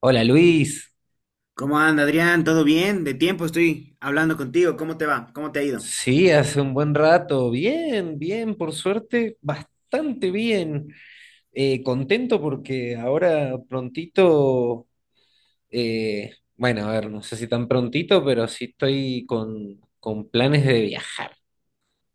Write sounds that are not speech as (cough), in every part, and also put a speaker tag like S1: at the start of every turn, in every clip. S1: Hola Luis,
S2: ¿Cómo anda, Adrián? ¿Todo bien? De tiempo estoy hablando contigo. ¿Cómo te va? ¿Cómo te ha ido?
S1: sí, hace un buen rato, bien, bien, por suerte, bastante bien. Contento porque ahora prontito, bueno, a ver, no sé si tan prontito, pero sí estoy con planes de viajar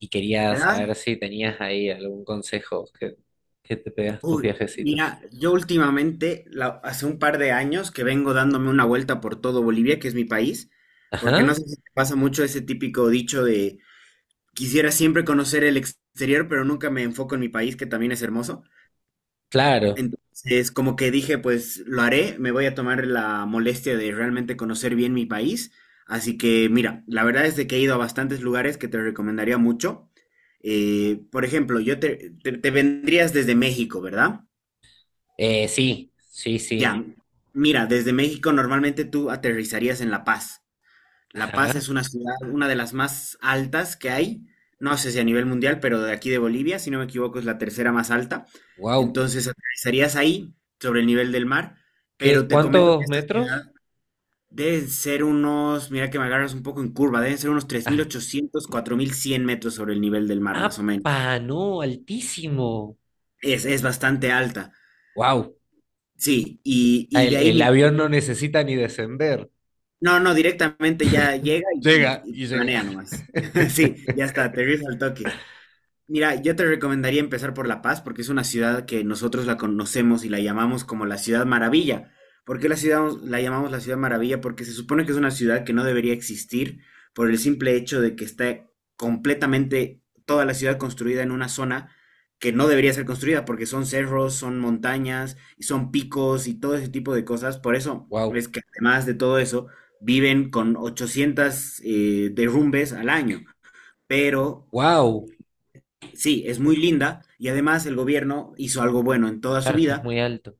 S1: y quería saber
S2: ¿Verdad?
S1: si tenías ahí algún consejo que te pegas tus
S2: Uy, mira,
S1: viajecitos.
S2: yo últimamente, hace un par de años que vengo dándome una vuelta por todo Bolivia, que es mi país, porque no
S1: Ajá,
S2: sé si te pasa mucho ese típico dicho de quisiera siempre conocer el exterior, pero nunca me enfoco en mi país, que también es hermoso.
S1: claro.
S2: Entonces, como que dije, pues lo haré, me voy a tomar la molestia de realmente conocer bien mi país. Así que, mira, la verdad es de que he ido a bastantes lugares que te recomendaría mucho. Por ejemplo, yo te vendrías desde México, ¿verdad?
S1: Sí, sí, sí,
S2: Ya. Mira, desde México normalmente tú aterrizarías en La Paz. La Paz
S1: ajá,
S2: es una ciudad, una de las más altas que hay, no sé si a nivel mundial, pero de aquí de Bolivia, si no me equivoco, es la tercera más alta.
S1: wow.
S2: Entonces aterrizarías ahí, sobre el nivel del mar,
S1: ¿Qué,
S2: pero te comento que
S1: cuántos
S2: esta
S1: metros?
S2: ciudad debe ser unos, mira que me agarras un poco en curva, deben ser unos tres mil
S1: (laughs)
S2: ochocientos cuatro mil cien metros sobre el nivel del mar, más o menos.
S1: ¡Apa! No, altísimo.
S2: Es bastante alta,
S1: ¡Wow!
S2: sí, y de
S1: El,
S2: ahí,
S1: el
S2: mira,
S1: avión no necesita ni descender.
S2: no, no, directamente ya llega
S1: Llega
S2: y
S1: y llega.
S2: planea nomás. (laughs)
S1: (laughs)
S2: Sí, ya está, aterriza al toque. Mira, yo te recomendaría empezar por La Paz porque es una ciudad que nosotros la conocemos y la llamamos como la Ciudad Maravilla. ¿Por qué la ciudad la llamamos la Ciudad Maravilla? Porque se supone que es una ciudad que no debería existir por el simple hecho de que está completamente toda la ciudad construida en una zona que no debería ser construida porque son cerros, son montañas y son picos y todo ese tipo de cosas. Por eso
S1: ¡Wow!
S2: es que además de todo eso viven con 800 derrumbes al año pero.
S1: ¡Wow!
S2: Sí, es muy linda y además el gobierno hizo algo bueno en toda su
S1: Claro, es que es
S2: vida,
S1: muy alto.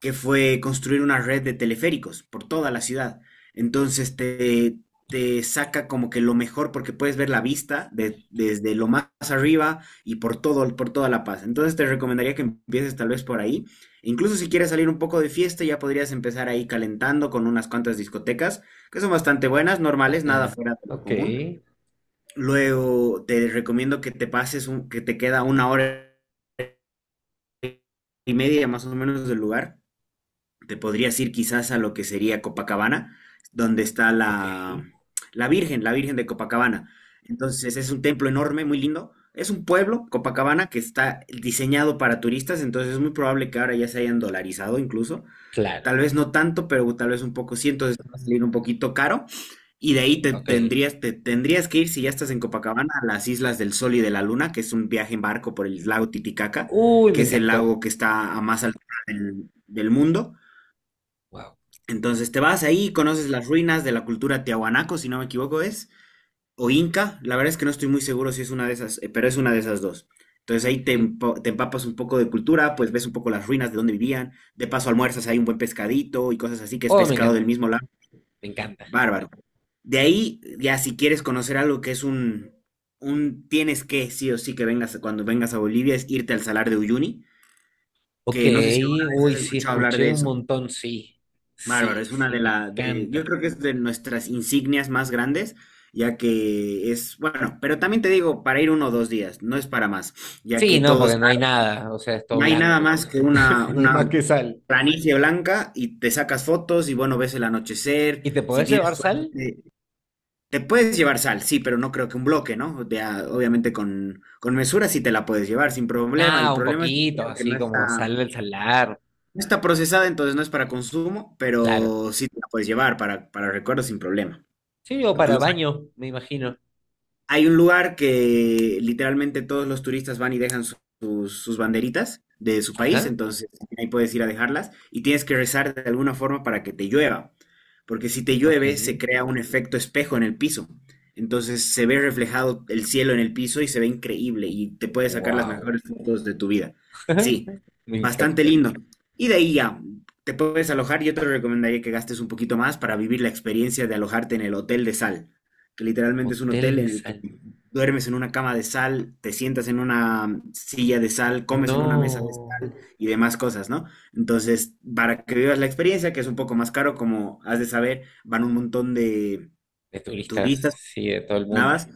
S2: que fue construir una red de teleféricos por toda la ciudad. Entonces te saca como que lo mejor porque puedes ver la vista desde lo más arriba y por todo, por toda La Paz. Entonces te recomendaría que empieces tal vez por ahí. E incluso si quieres salir un poco de fiesta, ya podrías empezar ahí calentando con unas cuantas discotecas que son bastante buenas,
S1: Ah,
S2: normales, nada
S1: ah.
S2: fuera de lo
S1: Ok,
S2: común. Luego te recomiendo que te pases, que te queda una hora y media más o menos del lugar. Te podrías ir quizás a lo que sería Copacabana, donde está
S1: ok.
S2: la Virgen de Copacabana. Entonces es un templo enorme, muy lindo. Es un pueblo, Copacabana, que está diseñado para turistas, entonces es muy probable que ahora ya se hayan dolarizado incluso.
S1: Claro,
S2: Tal vez no tanto, pero tal vez un poco sí, entonces te va a salir un poquito caro. Y de ahí
S1: ok.
S2: te tendrías que ir, si ya estás en Copacabana, a las Islas del Sol y de la Luna, que es un viaje en barco por el lago Titicaca,
S1: Uy, me
S2: que es el
S1: encantó.
S2: lago que está a más altura del mundo.
S1: ¡Wow!
S2: Entonces te vas ahí, conoces las ruinas de la cultura tiahuanaco, si no me equivoco es, o Inca, la verdad es que no estoy muy seguro si es una de esas, pero es una de esas dos. Entonces ahí
S1: Ok.
S2: te empapas un poco de cultura, pues ves un poco las ruinas de donde vivían, de paso almuerzas, hay un buen pescadito y cosas así, que es
S1: Oh, me
S2: pescado del
S1: encanta,
S2: mismo lado,
S1: me encanta.
S2: bárbaro. De ahí, ya si quieres conocer algo que es un tienes que, sí o sí, que vengas, cuando vengas a Bolivia, es irte al Salar de Uyuni,
S1: Ok,
S2: que no sé si alguna vez
S1: uy,
S2: has
S1: sí,
S2: escuchado hablar
S1: escuché
S2: de
S1: un
S2: eso.
S1: montón, sí.
S2: Bárbaro,
S1: Sí,
S2: es una
S1: sí,
S2: de
S1: me
S2: las, de, yo
S1: encanta.
S2: creo que es de nuestras insignias más grandes, ya que es, bueno, pero también te digo, para ir uno o dos días, no es para más, ya
S1: Sí,
S2: que
S1: no,
S2: todo es,
S1: porque no hay nada, o sea, es todo
S2: no hay nada
S1: blanco.
S2: más que
S1: (laughs) No hay más
S2: una
S1: que sal.
S2: planicie blanca y te sacas fotos y bueno, ves el anochecer,
S1: ¿Y te
S2: si
S1: podés
S2: tienes
S1: llevar sal?
S2: suerte, te puedes llevar sal, sí, pero no creo que un bloque, ¿no? De a- obviamente con mesura sí te la puedes llevar sin problema, el
S1: Nada, un
S2: problema es que
S1: poquito,
S2: creo que no
S1: así como
S2: está...
S1: sal del salar.
S2: No está procesada, entonces no es para consumo,
S1: Claro.
S2: pero sí te la puedes llevar para recuerdos sin problema.
S1: Sí, o para
S2: Incluso
S1: baño, me imagino.
S2: hay un lugar que literalmente todos los turistas van y dejan sus banderitas de su país,
S1: Ajá.
S2: entonces ahí puedes ir a dejarlas y tienes que rezar de alguna forma para que te llueva, porque si te
S1: Ok.
S2: llueve se crea un efecto espejo en el piso, entonces se ve reflejado el cielo en el piso y se ve increíble y te puedes sacar las
S1: Wow.
S2: mejores fotos de tu vida. Sí,
S1: (laughs) Me
S2: bastante
S1: encanta.
S2: lindo. Y de ahí ya, te puedes alojar, yo te recomendaría que gastes un poquito más para vivir la experiencia de alojarte en el Hotel de Sal, que literalmente es un
S1: Hotel
S2: hotel
S1: de
S2: en el que
S1: sal.
S2: duermes en una cama de sal, te sientas en una silla de sal, comes en una mesa de sal
S1: No.
S2: y demás cosas, ¿no? Entonces, para que vivas la experiencia, que es un poco más caro, como has de saber, van un montón de
S1: De turistas,
S2: turistas,
S1: sí, de todo el mundo.
S2: navas.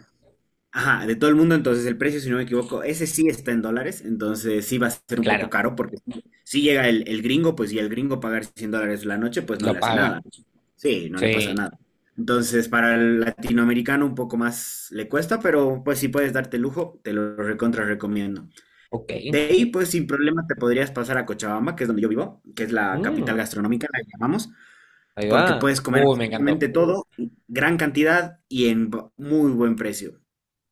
S2: Ajá, de todo el mundo, entonces el precio, si no me equivoco, ese sí está en dólares, entonces sí va a ser un poco
S1: Claro,
S2: caro, porque si llega el gringo, pues y el gringo pagar $100 la noche, pues no
S1: lo
S2: le hace
S1: paga.
S2: nada. Sí, no le pasa
S1: Sí.
S2: nada. Entonces, para el latinoamericano un poco más le cuesta, pero pues si puedes darte lujo, te lo recontra recomiendo.
S1: Ok.
S2: De ahí, pues sin problema te podrías pasar a Cochabamba, que es donde yo vivo, que es la
S1: Mm,
S2: capital gastronómica, la llamamos,
S1: ahí
S2: porque
S1: va.
S2: puedes comer
S1: Uy, me encantó.
S2: absolutamente todo, gran cantidad y en muy buen precio.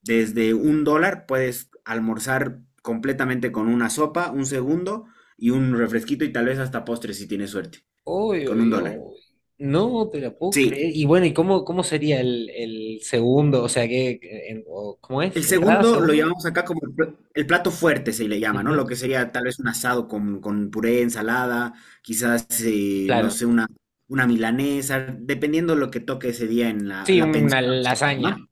S2: Desde $1 puedes almorzar completamente con una sopa, un segundo y un refresquito y tal vez hasta postre si tienes suerte,
S1: Uy,
S2: con un
S1: uy,
S2: dólar.
S1: uy. No te la puedo
S2: Sí,
S1: creer. Y bueno, ¿y cómo, cómo sería el segundo? O sea, ¿qué, cómo es?
S2: el
S1: ¿Entrada,
S2: segundo lo
S1: segundo?
S2: llamamos acá como el el plato fuerte, se le llama, ¿no? Lo
S1: Ujú.
S2: que sería tal vez un asado con puré, ensalada, quizás, no
S1: Claro.
S2: sé, una milanesa, dependiendo lo que toque ese día en
S1: Sí,
S2: la
S1: una
S2: pensión,
S1: lasaña,
S2: ¿no?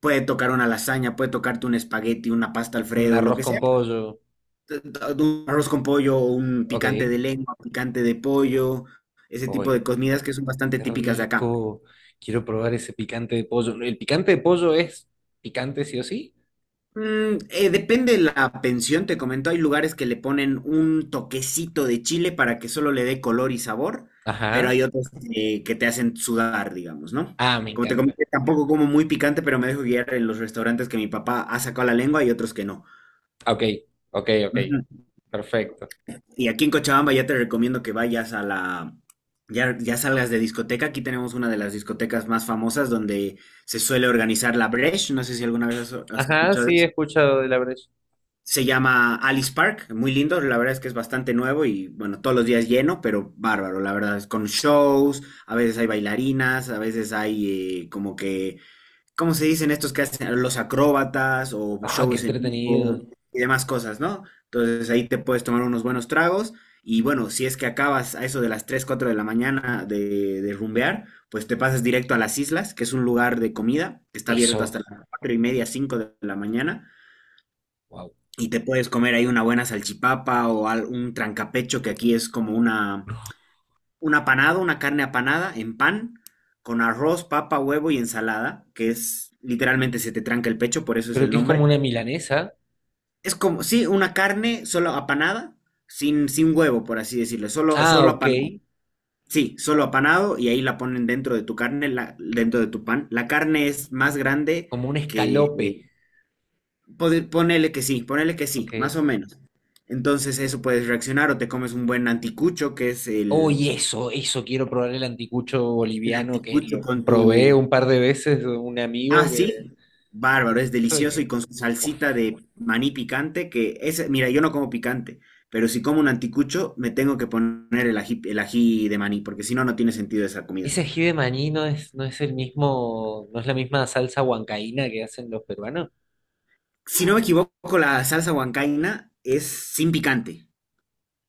S2: Puede tocar una lasaña, puede tocarte un espagueti, una pasta
S1: un
S2: Alfredo, lo
S1: arroz
S2: que
S1: con
S2: sea.
S1: pollo.
S2: Un arroz con pollo, un
S1: Ok.
S2: picante de lengua, picante de pollo, ese tipo de
S1: Oye,
S2: comidas que son bastante
S1: qué
S2: típicas de acá.
S1: rico. Quiero probar ese picante de pollo. ¿El picante de pollo es picante sí o sí?
S2: Depende de la pensión, te comento, hay lugares que le ponen un toquecito de chile para que solo le dé color y sabor, pero
S1: Ajá.
S2: hay otros que te hacen sudar, digamos, ¿no?
S1: Ah, me
S2: Como te
S1: encanta.
S2: comenté, tampoco como muy picante, pero me dejo guiar en los restaurantes que mi papá ha sacado la lengua y otros que no.
S1: Ok, ok, ok. Perfecto.
S2: Y aquí en Cochabamba ya te recomiendo que vayas a ya, ya salgas de discoteca. Aquí tenemos una de las discotecas más famosas donde se suele organizar la Bresh. No sé si alguna vez has
S1: Ajá,
S2: escuchado de
S1: sí, he
S2: eso.
S1: escuchado de la brecha.
S2: Se llama Alice Park, muy lindo. La verdad es que es bastante nuevo y bueno, todos los días lleno, pero bárbaro. La verdad es con shows, a veces hay bailarinas, a veces hay como que ¿cómo se dicen estos que hacen los acróbatas o
S1: Ah, qué
S2: shows en
S1: entretenido.
S2: vivo y demás cosas, ¿no? Entonces ahí te puedes tomar unos buenos tragos y bueno, si es que acabas a eso de las 3, 4 de la mañana de rumbear, pues te pasas directo a las islas, que es un lugar de comida, que está abierto
S1: Eso.
S2: hasta las 4 y media, 5 de la mañana
S1: Wow.
S2: y te puedes comer ahí una buena salchipapa o un trancapecho que aquí es como una un apanado, una carne apanada en pan, con arroz, papa, huevo y ensalada, que es literalmente se te tranca el pecho, por eso es
S1: Pero
S2: el
S1: que es como
S2: nombre.
S1: una milanesa.
S2: Es como, sí, una carne solo apanada, sin huevo, por así decirlo, solo,
S1: Ah,
S2: solo
S1: ok.
S2: apanado. Sí, solo apanado y ahí la ponen dentro de tu carne, dentro de tu pan. La carne es más grande
S1: Como un
S2: que...
S1: escalope.
S2: ponele que sí,
S1: Ok.
S2: más o menos. Entonces eso puedes reaccionar o te comes un buen anticucho, que es
S1: Uy, eso, quiero probar el anticucho
S2: el
S1: boliviano que
S2: anticucho
S1: lo
S2: con
S1: probé
S2: tu,
S1: un par de veces de un
S2: Ah,
S1: amigo que...
S2: sí. Bárbaro,
S1: que-
S2: es
S1: eso de
S2: delicioso y
S1: que-
S2: con su
S1: uf.
S2: salsita de maní picante, que es, mira, yo no como picante, pero si como un anticucho me tengo que poner el ají de maní, porque si no, no tiene sentido esa comida.
S1: Ese ají de maní no es, no es el mismo, no es la misma salsa huancaína que hacen los peruanos.
S2: Si no me equivoco, la salsa huancaína es sin picante.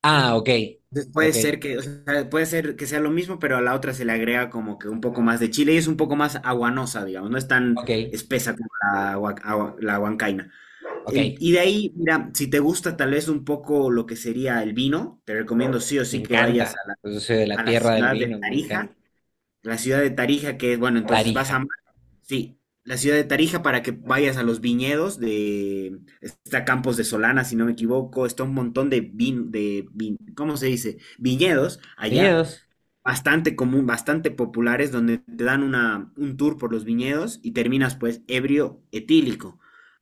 S1: Ah, ok,
S2: Entonces,
S1: ok,
S2: puede ser que sea lo mismo, pero a la otra se le agrega como que un poco más de chile y es un poco más aguanosa, digamos, no es tan
S1: ok,
S2: espesa como la huancaína.
S1: ok,
S2: Y de ahí, mira, si te gusta tal vez un poco lo que sería el vino, te recomiendo sí o
S1: me
S2: sí que vayas
S1: encanta.
S2: a
S1: Yo soy de la
S2: la
S1: tierra del
S2: ciudad de
S1: vino, me encanta.
S2: Tarija. La ciudad de Tarija, que es, bueno,
S1: Tarija.
S2: Sí, la ciudad de Tarija para que vayas a los viñedos de, está Campos de Solana, si no me equivoco, está un montón de ¿cómo se dice? Viñedos allá
S1: ¿Viñedos?
S2: bastante común, bastante populares, donde te dan un tour por los viñedos y terminas pues ebrio etílico.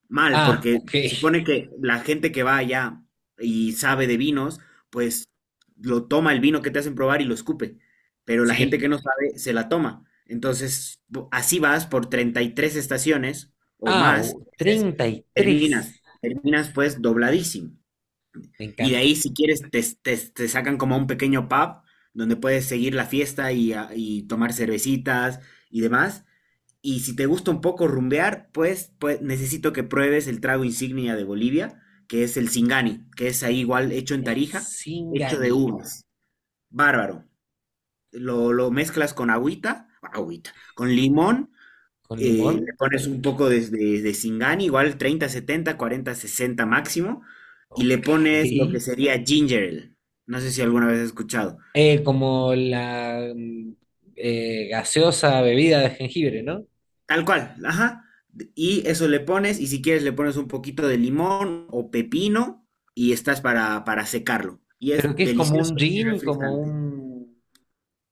S2: Mal,
S1: Ah,
S2: porque
S1: ok,
S2: se supone que la gente que va allá y sabe de vinos, pues lo toma el vino que te hacen probar y lo escupe, pero la gente
S1: sí.
S2: que no sabe se la toma. Entonces, así vas por 33 estaciones o más, veces,
S1: Treinta y
S2: terminas,
S1: tres
S2: terminas pues dobladísimo.
S1: me
S2: Y de
S1: encanta.
S2: ahí, si quieres, te sacan como a un pequeño pub donde puedes seguir la fiesta y tomar cervecitas y demás. Y si te gusta un poco rumbear, pues necesito que pruebes el trago insignia de Bolivia, que es el Singani, que es ahí igual hecho en
S1: El
S2: Tarija, hecho de
S1: Singani,
S2: uvas. Bárbaro. Lo mezclas con agüita, agüita, con limón,
S1: con
S2: le
S1: limón.
S2: pones un poco de Singani, igual 30 70 40 60 máximo, y le
S1: Ok.
S2: pones lo que sería ginger ale. No sé si alguna vez has escuchado.
S1: Como la gaseosa bebida de jengibre, ¿no?
S2: Tal cual, ajá. Y eso le pones, y si quieres le pones un poquito de limón o pepino, y estás para secarlo. Y
S1: Pero
S2: es
S1: que es como
S2: delicioso
S1: un
S2: y
S1: gin, como
S2: refrescante.
S1: un...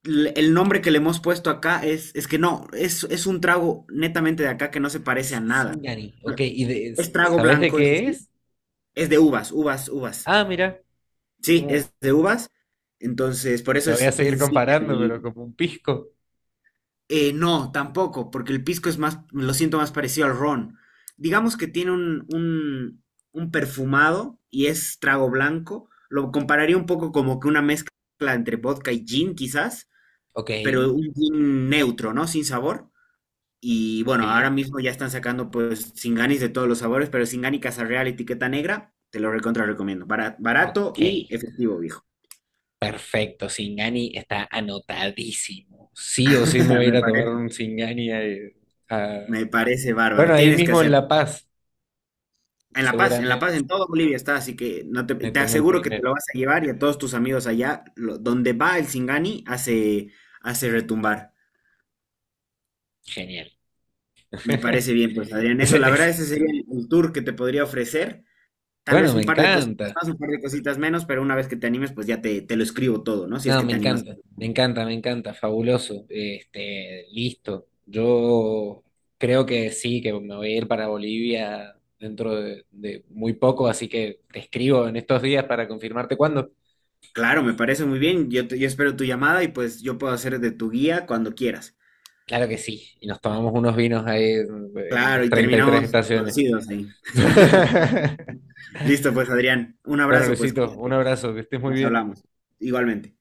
S2: El nombre que le hemos puesto acá es que no, es un trago netamente de acá que no se parece a nada.
S1: Singani.
S2: No,
S1: Ok, ¿y de,
S2: es trago
S1: sabes de
S2: blanco, eso
S1: qué
S2: sí.
S1: es?
S2: Es de uvas, uvas, uvas.
S1: Ah, mira,
S2: Sí,
S1: como...
S2: es de uvas, entonces por eso
S1: Lo voy a
S2: es
S1: seguir
S2: insignia de
S1: comparando, pero
S2: Bolivia.
S1: como un pisco.
S2: No, tampoco, porque el pisco es más, lo siento más parecido al ron. Digamos que tiene un perfumado y es trago blanco. Lo compararía un poco como que una mezcla entre vodka y gin, quizás,
S1: Ok,
S2: pero un gin neutro, ¿no? Sin sabor. Y
S1: ok,
S2: bueno, ahora mismo ya están sacando pues Singanis de todos los sabores, pero Singani Casa Real, etiqueta negra, te lo recontra recomiendo. Barato,
S1: ok.
S2: y efectivo, viejo.
S1: Perfecto, Singani está anotadísimo. Sí o sí me
S2: (laughs)
S1: voy a ir
S2: Me
S1: a tomar
S2: parece.
S1: un Singani. A-
S2: Me parece
S1: Bueno,
S2: bárbaro.
S1: ahí
S2: Tienes que
S1: mismo en
S2: hacer.
S1: La Paz,
S2: En La Paz, en La
S1: seguramente
S2: Paz, en toda Bolivia está, así que no
S1: me
S2: te
S1: tomé el
S2: aseguro que te
S1: primero.
S2: lo vas a llevar y a todos tus amigos allá, donde va el Singani, hace retumbar.
S1: Genial.
S2: Me
S1: (laughs)
S2: parece bien, pues Adrián. Eso,
S1: Ese-
S2: la verdad,
S1: ese-
S2: ese sería el tour que te podría ofrecer. Tal
S1: Bueno,
S2: vez un
S1: me
S2: par de cositas
S1: encanta.
S2: más, un par de cositas menos, pero una vez que te animes, pues ya te lo escribo todo, ¿no? Si es
S1: No,
S2: que
S1: me
S2: te animas.
S1: encanta, me encanta, me encanta, fabuloso. Este, listo. Yo creo que sí, que me voy a ir para Bolivia dentro de muy poco, así que te escribo en estos días para confirmarte cuándo.
S2: Claro, me parece muy bien. Yo espero tu llamada y pues yo puedo hacer de tu guía cuando quieras.
S1: Claro que sí, y nos tomamos unos vinos ahí en
S2: Claro,
S1: las
S2: y
S1: 33
S2: terminamos
S1: estaciones.
S2: torcidos ahí.
S1: (laughs)
S2: Listo, pues Adrián, un
S1: Bueno,
S2: abrazo, pues
S1: Luisito, un
S2: cuídate,
S1: abrazo, que estés muy
S2: nos
S1: bien.
S2: hablamos, igualmente.